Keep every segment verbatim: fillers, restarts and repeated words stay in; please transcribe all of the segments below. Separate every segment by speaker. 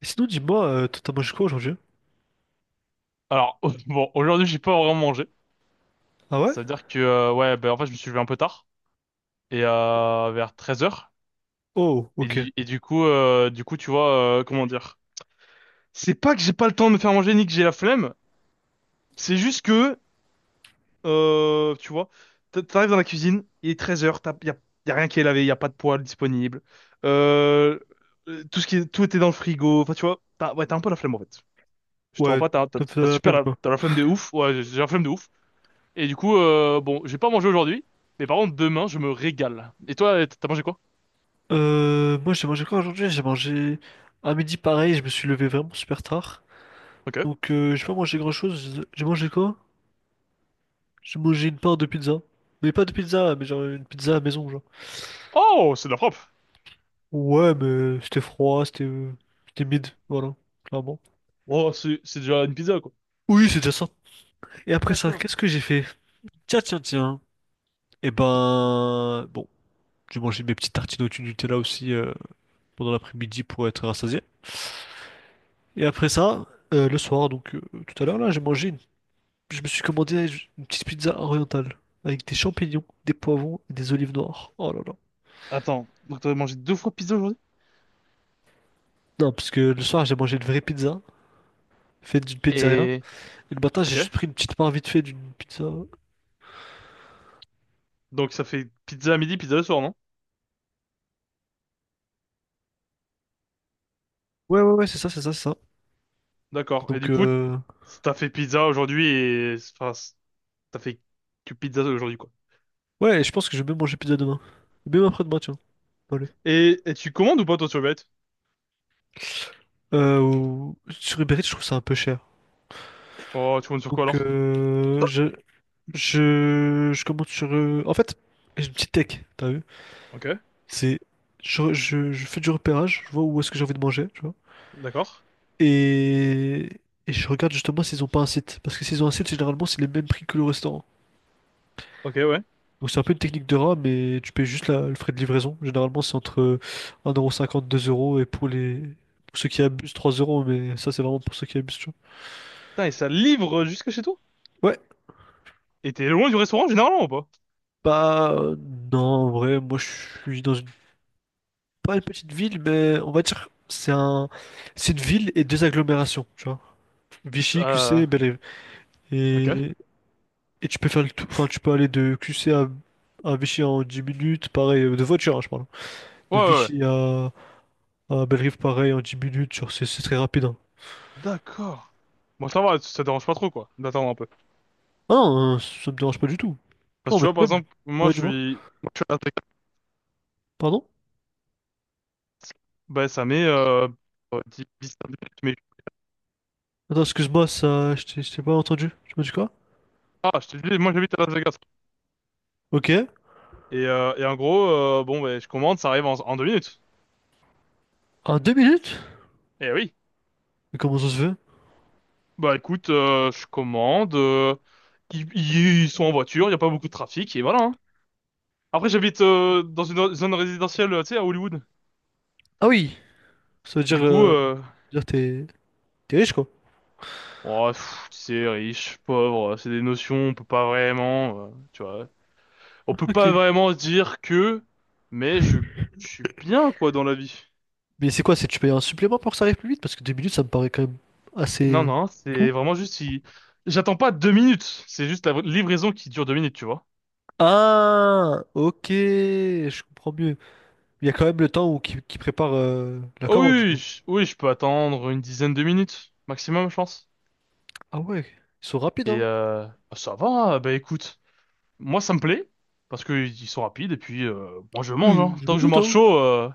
Speaker 1: Et sinon, dis-moi, euh, toi, t'as mangé quoi aujourd'hui?
Speaker 2: Alors, bon, aujourd'hui, j'ai pas vraiment mangé.
Speaker 1: Ah ouais?
Speaker 2: Ça veut dire que, euh, ouais, ben, en fait, je me suis levé un peu tard. Et euh, vers treize heures.
Speaker 1: Oh,
Speaker 2: Et,
Speaker 1: ok.
Speaker 2: du- et du coup, euh, du coup, tu vois, euh, comment dire? C'est pas que j'ai pas le temps de me faire manger ni que j'ai la flemme. C'est juste que, euh, tu vois, t- t'arrives dans la cuisine, il est treize heures, y a, y a rien qui est lavé, y a pas de poêle disponible. Euh, euh, tout ce qui est, tout était dans le frigo. Enfin, tu vois, t'as, ouais, t'as un peu la flemme, en fait. Je te mens
Speaker 1: Ouais,
Speaker 2: pas, t'as, t'as,
Speaker 1: ça me
Speaker 2: t'as
Speaker 1: faisait la
Speaker 2: super
Speaker 1: peine,
Speaker 2: la,
Speaker 1: quoi.
Speaker 2: t'as la flemme de ouf. Ouais, j'ai j'ai la flemme de ouf. Et du coup, euh, bon, j'ai pas mangé aujourd'hui, mais par contre, demain, je me régale. Et toi, t'as mangé quoi?
Speaker 1: Euh, moi, j'ai mangé quoi aujourd'hui? J'ai mangé à midi pareil, je me suis levé vraiment super tard.
Speaker 2: Ok.
Speaker 1: Donc, euh, j'ai pas mangé grand-chose. J'ai j'ai mangé quoi? J'ai mangé une part de pizza. Mais pas de pizza, mais genre une pizza à la maison, genre.
Speaker 2: Oh, c'est de la frappe.
Speaker 1: Ouais, mais c'était froid, c'était euh, c'était mid, voilà, clairement.
Speaker 2: Oh, c'est c'est déjà une pizza, quoi.
Speaker 1: Oui, c'est déjà ça. Et après ça,
Speaker 2: D'accord.
Speaker 1: qu'est-ce que j'ai fait? Tiens, tiens, tiens. Eh ben, bon, j'ai mangé mes petites tartines au Nutella aussi, euh, pendant l'après-midi pour être rassasié. Et après ça, euh, le soir, donc, euh, tout à l'heure là, j'ai mangé une... je me suis commandé une petite pizza orientale avec des champignons, des poivrons et des olives noires. Oh là là.
Speaker 2: Attends, donc t'as mangé deux fois pizza aujourd'hui?
Speaker 1: Non, parce que le soir, j'ai mangé une vraie pizza faite d'une pizzeria
Speaker 2: Et...
Speaker 1: et le matin, j'ai
Speaker 2: Ok.
Speaker 1: juste pris une petite part vite fait d'une pizza.
Speaker 2: Donc ça fait pizza à midi, pizza le soir, non?
Speaker 1: Ouais, ouais, ouais, c'est ça, c'est ça, c'est ça.
Speaker 2: D'accord. Et
Speaker 1: Donc
Speaker 2: du coup,
Speaker 1: euh...
Speaker 2: t'as fait pizza aujourd'hui et... Enfin, t'as fait que pizza aujourd'hui, quoi.
Speaker 1: ouais, et je pense que je vais même manger pizza demain. Même après-demain, tiens. Allez.
Speaker 2: Et, et tu commandes ou pas, toi, sur Uber Eats?
Speaker 1: Euh, ou- Sur Uber Eats, je trouve ça un peu cher.
Speaker 2: Oh, tu commandes sur quoi,
Speaker 1: Donc
Speaker 2: alors?
Speaker 1: euh, je... Je, je commence sur. euh, En fait, j'ai une petite tech, t'as vu?
Speaker 2: Ok.
Speaker 1: C'est. Je, je, je fais du repérage, je vois où est-ce que j'ai envie de manger, tu vois.
Speaker 2: D'accord.
Speaker 1: Et, et je regarde justement s'ils ont pas un site. Parce que s'ils ont un site, généralement, c'est les mêmes prix que le restaurant.
Speaker 2: Ok, ouais.
Speaker 1: Donc c'est un peu une technique de rat, mais tu payes juste la- le frais de livraison. Généralement, c'est entre euh, un euro cinquante deux euros. Et pour les. Pour ceux qui abusent, trois euros. Mais ça, c'est vraiment pour ceux qui abusent, tu
Speaker 2: Putain, et ça livre jusque chez toi?
Speaker 1: vois. Ouais.
Speaker 2: Et t'es loin du restaurant, généralement, ou pas?
Speaker 1: Bah, non, en vrai, moi, je suis dans une. Pas une petite ville, mais on va dire c'est un, c'est une ville et deux agglomérations, tu vois.
Speaker 2: C'est-
Speaker 1: Vichy, Q C
Speaker 2: Euh...
Speaker 1: et bel.
Speaker 2: Ok.
Speaker 1: Et, et tu peux faire le tout, enfin tu peux aller de Q C à, à Vichy en dix minutes, pareil, euh, de voiture, hein, je parle.
Speaker 2: Ouais,
Speaker 1: De
Speaker 2: ouais, ouais.
Speaker 1: Vichy à, à belle pareil, en dix minutes, genre, c'est c'est très rapide, hein.
Speaker 2: D'accord. Bon, ça va, ça dérange pas trop, quoi, d'attendre un peu.
Speaker 1: Ah non, euh, ça me dérange pas du tout.
Speaker 2: Parce
Speaker 1: Non,
Speaker 2: que tu
Speaker 1: mais
Speaker 2: vois, par
Speaker 1: même...
Speaker 2: exemple, moi,
Speaker 1: Ouais,
Speaker 2: je
Speaker 1: dis-moi.
Speaker 2: suis, moi, je suis à Las Vegas.
Speaker 1: Pardon?
Speaker 2: Bah, ça met, euh, euh, dix, dix, quinze minutes, mais,
Speaker 1: Attends, excuse-moi, ça, je t'ai je t'ai pas entendu. Tu m'as dit quoi?
Speaker 2: ah, je te dis, moi, j'habite à Las Vegas.
Speaker 1: Ok.
Speaker 2: Et, euh, et en gros, euh, bon, bah, je commande, ça arrive en, en deux minutes.
Speaker 1: En deux minutes?
Speaker 2: Eh oui.
Speaker 1: Mais comment ça se fait?
Speaker 2: Bah, écoute, euh, je commande, euh, ils, ils- ils sont en voiture, il n'y a pas beaucoup de trafic, et voilà, hein. Après, j'habite, euh, dans une zone résidentielle, euh, tu sais, à Hollywood.
Speaker 1: Ah oui, ça veut dire,
Speaker 2: Du coup,
Speaker 1: euh,
Speaker 2: euh,
Speaker 1: dire t'es t'es riche, quoi.
Speaker 2: oh, pff, tu sais, riche, pauvre, c'est des notions, on peut pas vraiment, euh, tu vois. On peut
Speaker 1: Ok.
Speaker 2: pas vraiment dire que, mais je, je suis bien, quoi, dans la vie.
Speaker 1: Mais c'est quoi, c'est tu payes un supplément pour que ça arrive plus vite? Parce que deux minutes, ça me paraît quand même
Speaker 2: Non,
Speaker 1: assez
Speaker 2: non,
Speaker 1: fou.
Speaker 2: c'est vraiment juste si... J'attends pas deux minutes, c'est juste la livraison qui dure deux minutes, tu vois.
Speaker 1: Ah, ok, je comprends mieux. Il y a quand même le temps où qui, qui prépare euh, la
Speaker 2: Oh
Speaker 1: commande, du
Speaker 2: oui,
Speaker 1: coup.
Speaker 2: je- oui, je peux attendre une dizaine de minutes, maximum, je pense.
Speaker 1: Ah ouais, ils sont rapides,
Speaker 2: Et
Speaker 1: hein.
Speaker 2: euh, ah, ça va, bah écoute, moi ça me plaît, parce que ils sont rapides, et puis euh, moi je mange,
Speaker 1: Hmm.
Speaker 2: hein.
Speaker 1: Je me
Speaker 2: Tant que je
Speaker 1: doute,
Speaker 2: mange
Speaker 1: hein.
Speaker 2: chaud, euh,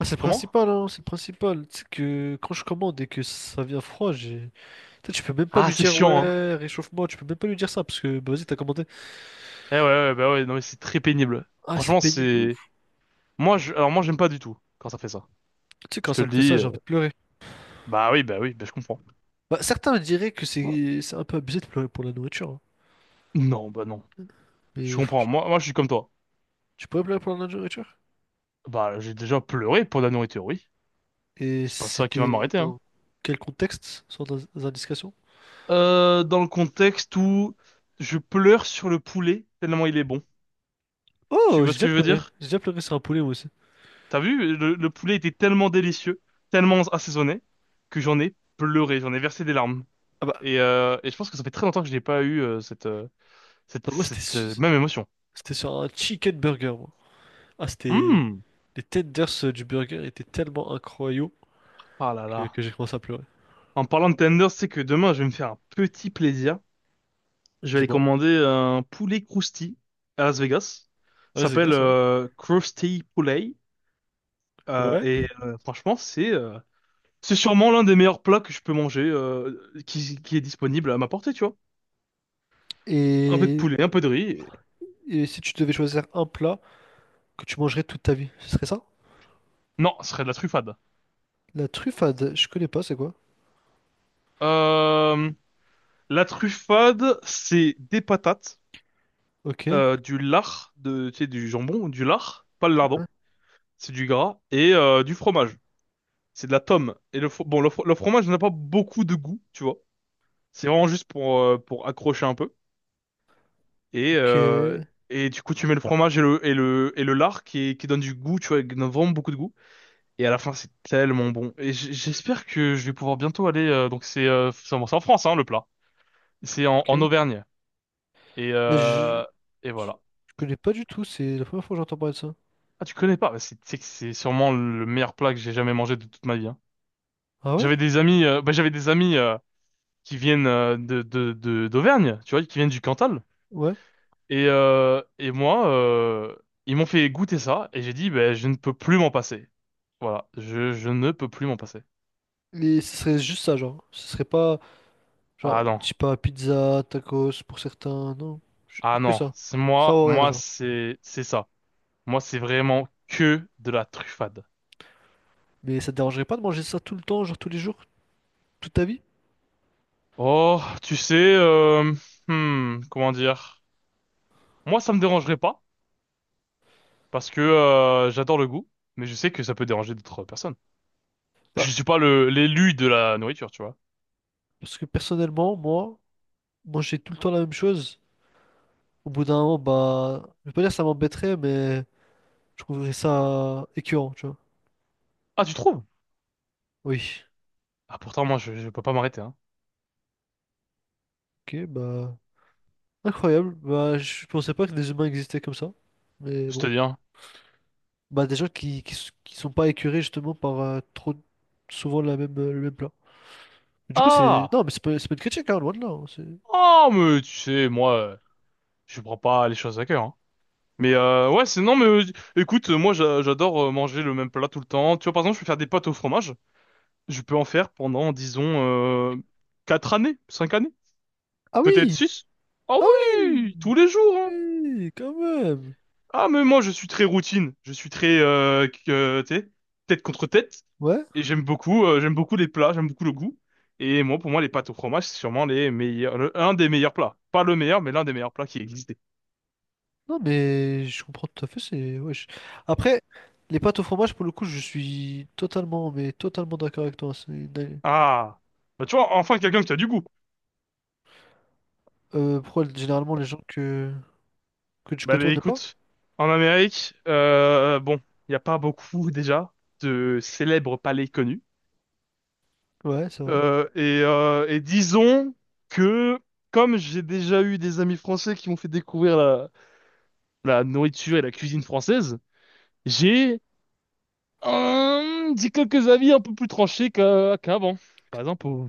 Speaker 1: Ah, c'est le
Speaker 2: comment?
Speaker 1: principal, hein, c'est le principal. C'est que quand je commande et que ça vient froid, j'ai... Tu sais, tu peux même pas
Speaker 2: Ah,
Speaker 1: lui
Speaker 2: c'est
Speaker 1: dire,
Speaker 2: chiant, hein.
Speaker 1: ouais, réchauffe-moi, tu peux même pas lui dire ça, parce que, bah, vas-y, t'as commandé.
Speaker 2: Eh ouais, ouais, bah ouais, non mais c'est très pénible.
Speaker 1: Ah, c'est
Speaker 2: Franchement,
Speaker 1: pénible de
Speaker 2: c'est...
Speaker 1: ouf.
Speaker 2: Moi, je... Alors moi j'aime pas du tout quand ça fait ça.
Speaker 1: Tu sais,
Speaker 2: Je
Speaker 1: quand
Speaker 2: te
Speaker 1: ça
Speaker 2: le
Speaker 1: me fait ça,
Speaker 2: dis.
Speaker 1: j'ai envie de pleurer.
Speaker 2: Bah oui, bah oui, bah je comprends.
Speaker 1: Bah, certains diraient que c'est c'est un peu abusé de pleurer pour la nourriture, hein.
Speaker 2: Non, bah non. Je
Speaker 1: Mais
Speaker 2: comprends.
Speaker 1: franchement...
Speaker 2: Moi, moi, je suis comme toi.
Speaker 1: Tu pourrais me la répondre à la nourriture?
Speaker 2: Bah, j'ai déjà pleuré pour de la nourriture, oui.
Speaker 1: Et
Speaker 2: C'est pas ça qui va
Speaker 1: c'était
Speaker 2: m'arrêter, hein.
Speaker 1: dans quel contexte, sans in- indication?
Speaker 2: Euh, dans le contexte où je pleure sur le poulet tellement il est bon. Tu
Speaker 1: Oh, j'ai
Speaker 2: vois ce
Speaker 1: déjà
Speaker 2: que je veux
Speaker 1: pleuré.
Speaker 2: dire?
Speaker 1: J'ai déjà pleuré sur un poulet, moi aussi.
Speaker 2: T'as vu? Le, le poulet était tellement délicieux, tellement assaisonné, que j'en ai pleuré, j'en ai versé des larmes.
Speaker 1: Ah bah,
Speaker 2: Et, euh, et je pense que ça fait très longtemps que je n'ai pas eu euh, cette, euh, cette,
Speaker 1: bah, moi, c'était
Speaker 2: cette euh,
Speaker 1: su-
Speaker 2: même émotion.
Speaker 1: c'était sur un chicken burger, moi. Ah, c'était...
Speaker 2: Hum.
Speaker 1: Les tenders euh, du burger étaient tellement incroyables
Speaker 2: Ah là
Speaker 1: que,
Speaker 2: là.
Speaker 1: que j'ai commencé à pleurer.
Speaker 2: En parlant de tenders, c'est que demain, je vais me faire un petit plaisir. Je vais aller
Speaker 1: Dis-moi.
Speaker 2: commander un poulet crousti à Las Vegas. Ça
Speaker 1: Ouais, c'est
Speaker 2: s'appelle
Speaker 1: grâce, ouais.
Speaker 2: euh, Krusty Poulet. Euh, et
Speaker 1: Ouais.
Speaker 2: euh, franchement, c'est euh, c'est sûrement l'un des meilleurs plats que je peux manger, euh, qui, qui est disponible à ma portée, tu vois. Un peu de
Speaker 1: Et...
Speaker 2: poulet, un peu de riz. Et...
Speaker 1: et si tu devais choisir un plat que tu mangerais toute ta vie, ce serait ça?
Speaker 2: Non, ce serait de la truffade.
Speaker 1: La truffade, je connais pas, c'est quoi?
Speaker 2: Euh, la truffade, c'est des patates,
Speaker 1: Ok.
Speaker 2: euh, du lard, de, tu sais, du jambon, du lard, pas le lardon, c'est du gras, et euh, du fromage. C'est de la tome. Et le, fro- bon, le, fro- le fromage n'a pas beaucoup de goût, tu vois. C'est vraiment juste pour, euh, pour accrocher un peu. Et,
Speaker 1: Ok.
Speaker 2: euh, et du coup, tu mets le fromage et le, et le, et le lard qui, qui donne du goût, tu vois, qui donne vraiment beaucoup de goût. Et à la fin, c'est tellement bon. Et j- j'espère que je vais pouvoir bientôt aller. Euh, donc, c'est euh, c'est en c'est en France, hein, le plat. C'est en, en
Speaker 1: Ok.
Speaker 2: Auvergne. Et,
Speaker 1: Mais je...
Speaker 2: euh, et
Speaker 1: Je
Speaker 2: voilà.
Speaker 1: je connais pas du tout, c'est la première fois que j'entends parler de ça.
Speaker 2: Ah, tu connais pas? Bah, C'est c'est que c'est sûrement le meilleur plat que j'ai jamais mangé de toute ma vie, hein.
Speaker 1: Ah ouais?
Speaker 2: J'avais des amis, euh, bah, j'avais des amis euh, qui viennent euh, de, de, de- d'Auvergne, tu vois, qui viennent du Cantal.
Speaker 1: Ouais.
Speaker 2: Et, euh, et moi, euh, ils m'ont fait goûter ça et j'ai dit, ben, je ne peux plus m'en passer. Voilà, je, je ne peux plus m'en passer.
Speaker 1: Et ce serait juste ça, genre. Ce serait pas, genre,
Speaker 2: Ah non,
Speaker 1: je sais pas, pizza, tacos pour certains, non. J-
Speaker 2: ah
Speaker 1: Que
Speaker 2: non,
Speaker 1: ça.
Speaker 2: c'est
Speaker 1: Ça
Speaker 2: moi,
Speaker 1: ou rien,
Speaker 2: moi
Speaker 1: genre.
Speaker 2: c'est c'est ça. Moi c'est vraiment que de la truffade.
Speaker 1: Mais ça te dérangerait pas de manger ça tout le temps, genre tous les jours, toute ta vie?
Speaker 2: Oh, tu sais, euh, hmm, comment dire? Moi ça me dérangerait pas parce que euh, j'adore le goût, mais je sais que ça peut déranger d'autres personnes.
Speaker 1: Bah,
Speaker 2: Je suis pas le l'élu de la nourriture, tu vois.
Speaker 1: parce que personnellement, moi, manger tout le temps la même chose, au bout d'un moment, bah, je vais pas dire que ça m'embêterait, mais je trouverais ça écœurant, tu vois.
Speaker 2: Ah, tu trouves?
Speaker 1: Oui.
Speaker 2: Ah pourtant moi je, je peux pas m'arrêter, hein.
Speaker 1: Ok, bah, incroyable. Bah, je pensais pas que les humains existaient comme ça. Mais
Speaker 2: Je te
Speaker 1: bon.
Speaker 2: dis, hein.
Speaker 1: Bah, des gens qui, qui, s- qui sont pas écœurés justement par euh, trop souvent la même, euh, le même plat. Du coup, c'est.
Speaker 2: Ah!
Speaker 1: Non, mais c'est pas, c'est pas, une critique, hein, loin de là, hein, c'est-
Speaker 2: Oh, mais tu sais, moi, euh, je prends pas les choses à cœur, hein. Mais euh, ouais, c'est non, mais euh, écoute, moi j'a- j'adore euh, manger le même plat tout le temps. Tu vois, par exemple, je peux faire des pâtes au fromage. Je peux en faire pendant, disons, euh, quatre années, cinq années,
Speaker 1: Ah
Speaker 2: peut-être
Speaker 1: oui!
Speaker 2: six. Ah
Speaker 1: Ah oui!
Speaker 2: oui, tous les jours, hein.
Speaker 1: Oui, quand même!
Speaker 2: Ah, mais moi, je suis très routine. Je suis très, euh, que- euh, tu sais, tête contre tête.
Speaker 1: Ouais,
Speaker 2: Et j'aime beaucoup, euh, j'aime beaucoup les plats, j'aime beaucoup le goût. Et moi, pour moi, les pâtes au fromage, c'est sûrement les meilleurs, le- un des meilleurs plats. Pas le meilleur, mais l'un des meilleurs plats qui existent.
Speaker 1: non, mais je comprends tout à fait. C'est. Ouais, je- Après, les pâtes au fromage, pour le coup, je suis totalement, mais totalement d'accord avec toi, c'est une-
Speaker 2: Ah, bah tu vois, enfin quelqu'un qui a du goût.
Speaker 1: Euh, pourquoi généralement les gens que, que tu
Speaker 2: Bah
Speaker 1: côtoies
Speaker 2: allez,
Speaker 1: ne pas?
Speaker 2: écoute, en Amérique, euh, bon, il n'y a pas beaucoup déjà de célèbres palais connus.
Speaker 1: Ouais, c'est vrai.
Speaker 2: Euh, et, euh, et disons que, comme j'ai déjà eu des amis français qui m'ont fait découvrir la, la nourriture et la cuisine française, j'ai euh, dit quelques avis un peu plus tranchés qu'a- qu'avant. Par exemple, pour,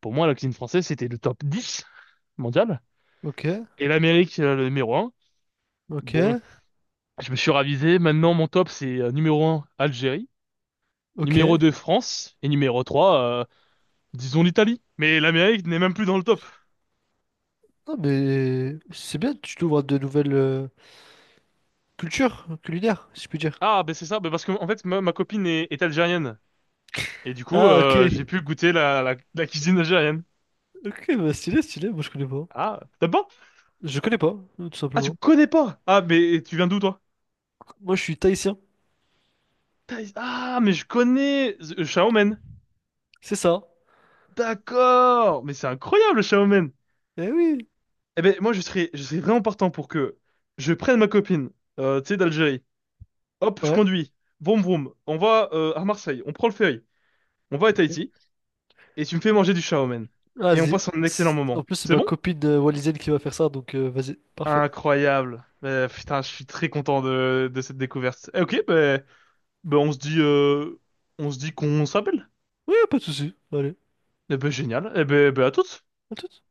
Speaker 2: pour moi, la cuisine française, c'était le top dix mondial,
Speaker 1: Ok,
Speaker 2: et l'Amérique, euh, le numéro un.
Speaker 1: ok,
Speaker 2: Bon, je me suis ravisé. Maintenant, mon top, c'est euh, numéro un, Algérie.
Speaker 1: ok.
Speaker 2: Numéro deux, France. Et numéro trois, euh, disons l'Italie. Mais l'Amérique n'est même plus dans le top.
Speaker 1: Non, mais c'est bien, tu t'ouvres à de nouvelles... euh, culture culinaire, si je puis dire.
Speaker 2: Ah, ben c'est ça. Ben parce que, en fait, ma, ma copine est, est algérienne. Et du coup,
Speaker 1: Ah, ok.
Speaker 2: euh, j'ai pu goûter la, la, la cuisine algérienne.
Speaker 1: Ok, bah stylé, stylé. Moi, je connais pas.
Speaker 2: Ah, t'as pas?
Speaker 1: Je connais pas, euh, tout
Speaker 2: Ah, tu
Speaker 1: simplement.
Speaker 2: connais pas? Ah, mais tu viens d'où, toi?
Speaker 1: Moi, je suis tahitien.
Speaker 2: Thaïs- Ah, mais je connais euh, Shaomen.
Speaker 1: C'est ça.
Speaker 2: D'accord. Mais c'est incroyable, Shaomen.
Speaker 1: Eh oui.
Speaker 2: Eh ben, moi, je serais, je serais vraiment partant pour que je prenne ma copine, euh, tu sais, d'Algérie. Hop, je
Speaker 1: Ouais.
Speaker 2: conduis. Vroom vroom. On va euh, à Marseille. On prend le ferry. On va à
Speaker 1: Ok.
Speaker 2: Tahiti. Et tu me fais manger du shaomen. Et on
Speaker 1: Vas-y.
Speaker 2: passe un excellent
Speaker 1: Si- En
Speaker 2: moment.
Speaker 1: plus, c'est
Speaker 2: C'est
Speaker 1: ma
Speaker 2: bon?
Speaker 1: copine euh, wallisienne qui va faire ça, donc, euh, vas-y. Parfait.
Speaker 2: Incroyable. Euh, putain, je suis très content de, de cette découverte. Eh, ok, ben ben on se dit, euh, on se dit qu'on s'appelle.
Speaker 1: Ouais, pas de souci. Allez.
Speaker 2: Eh ben génial. Eh ben, ben à toutes.
Speaker 1: À toute.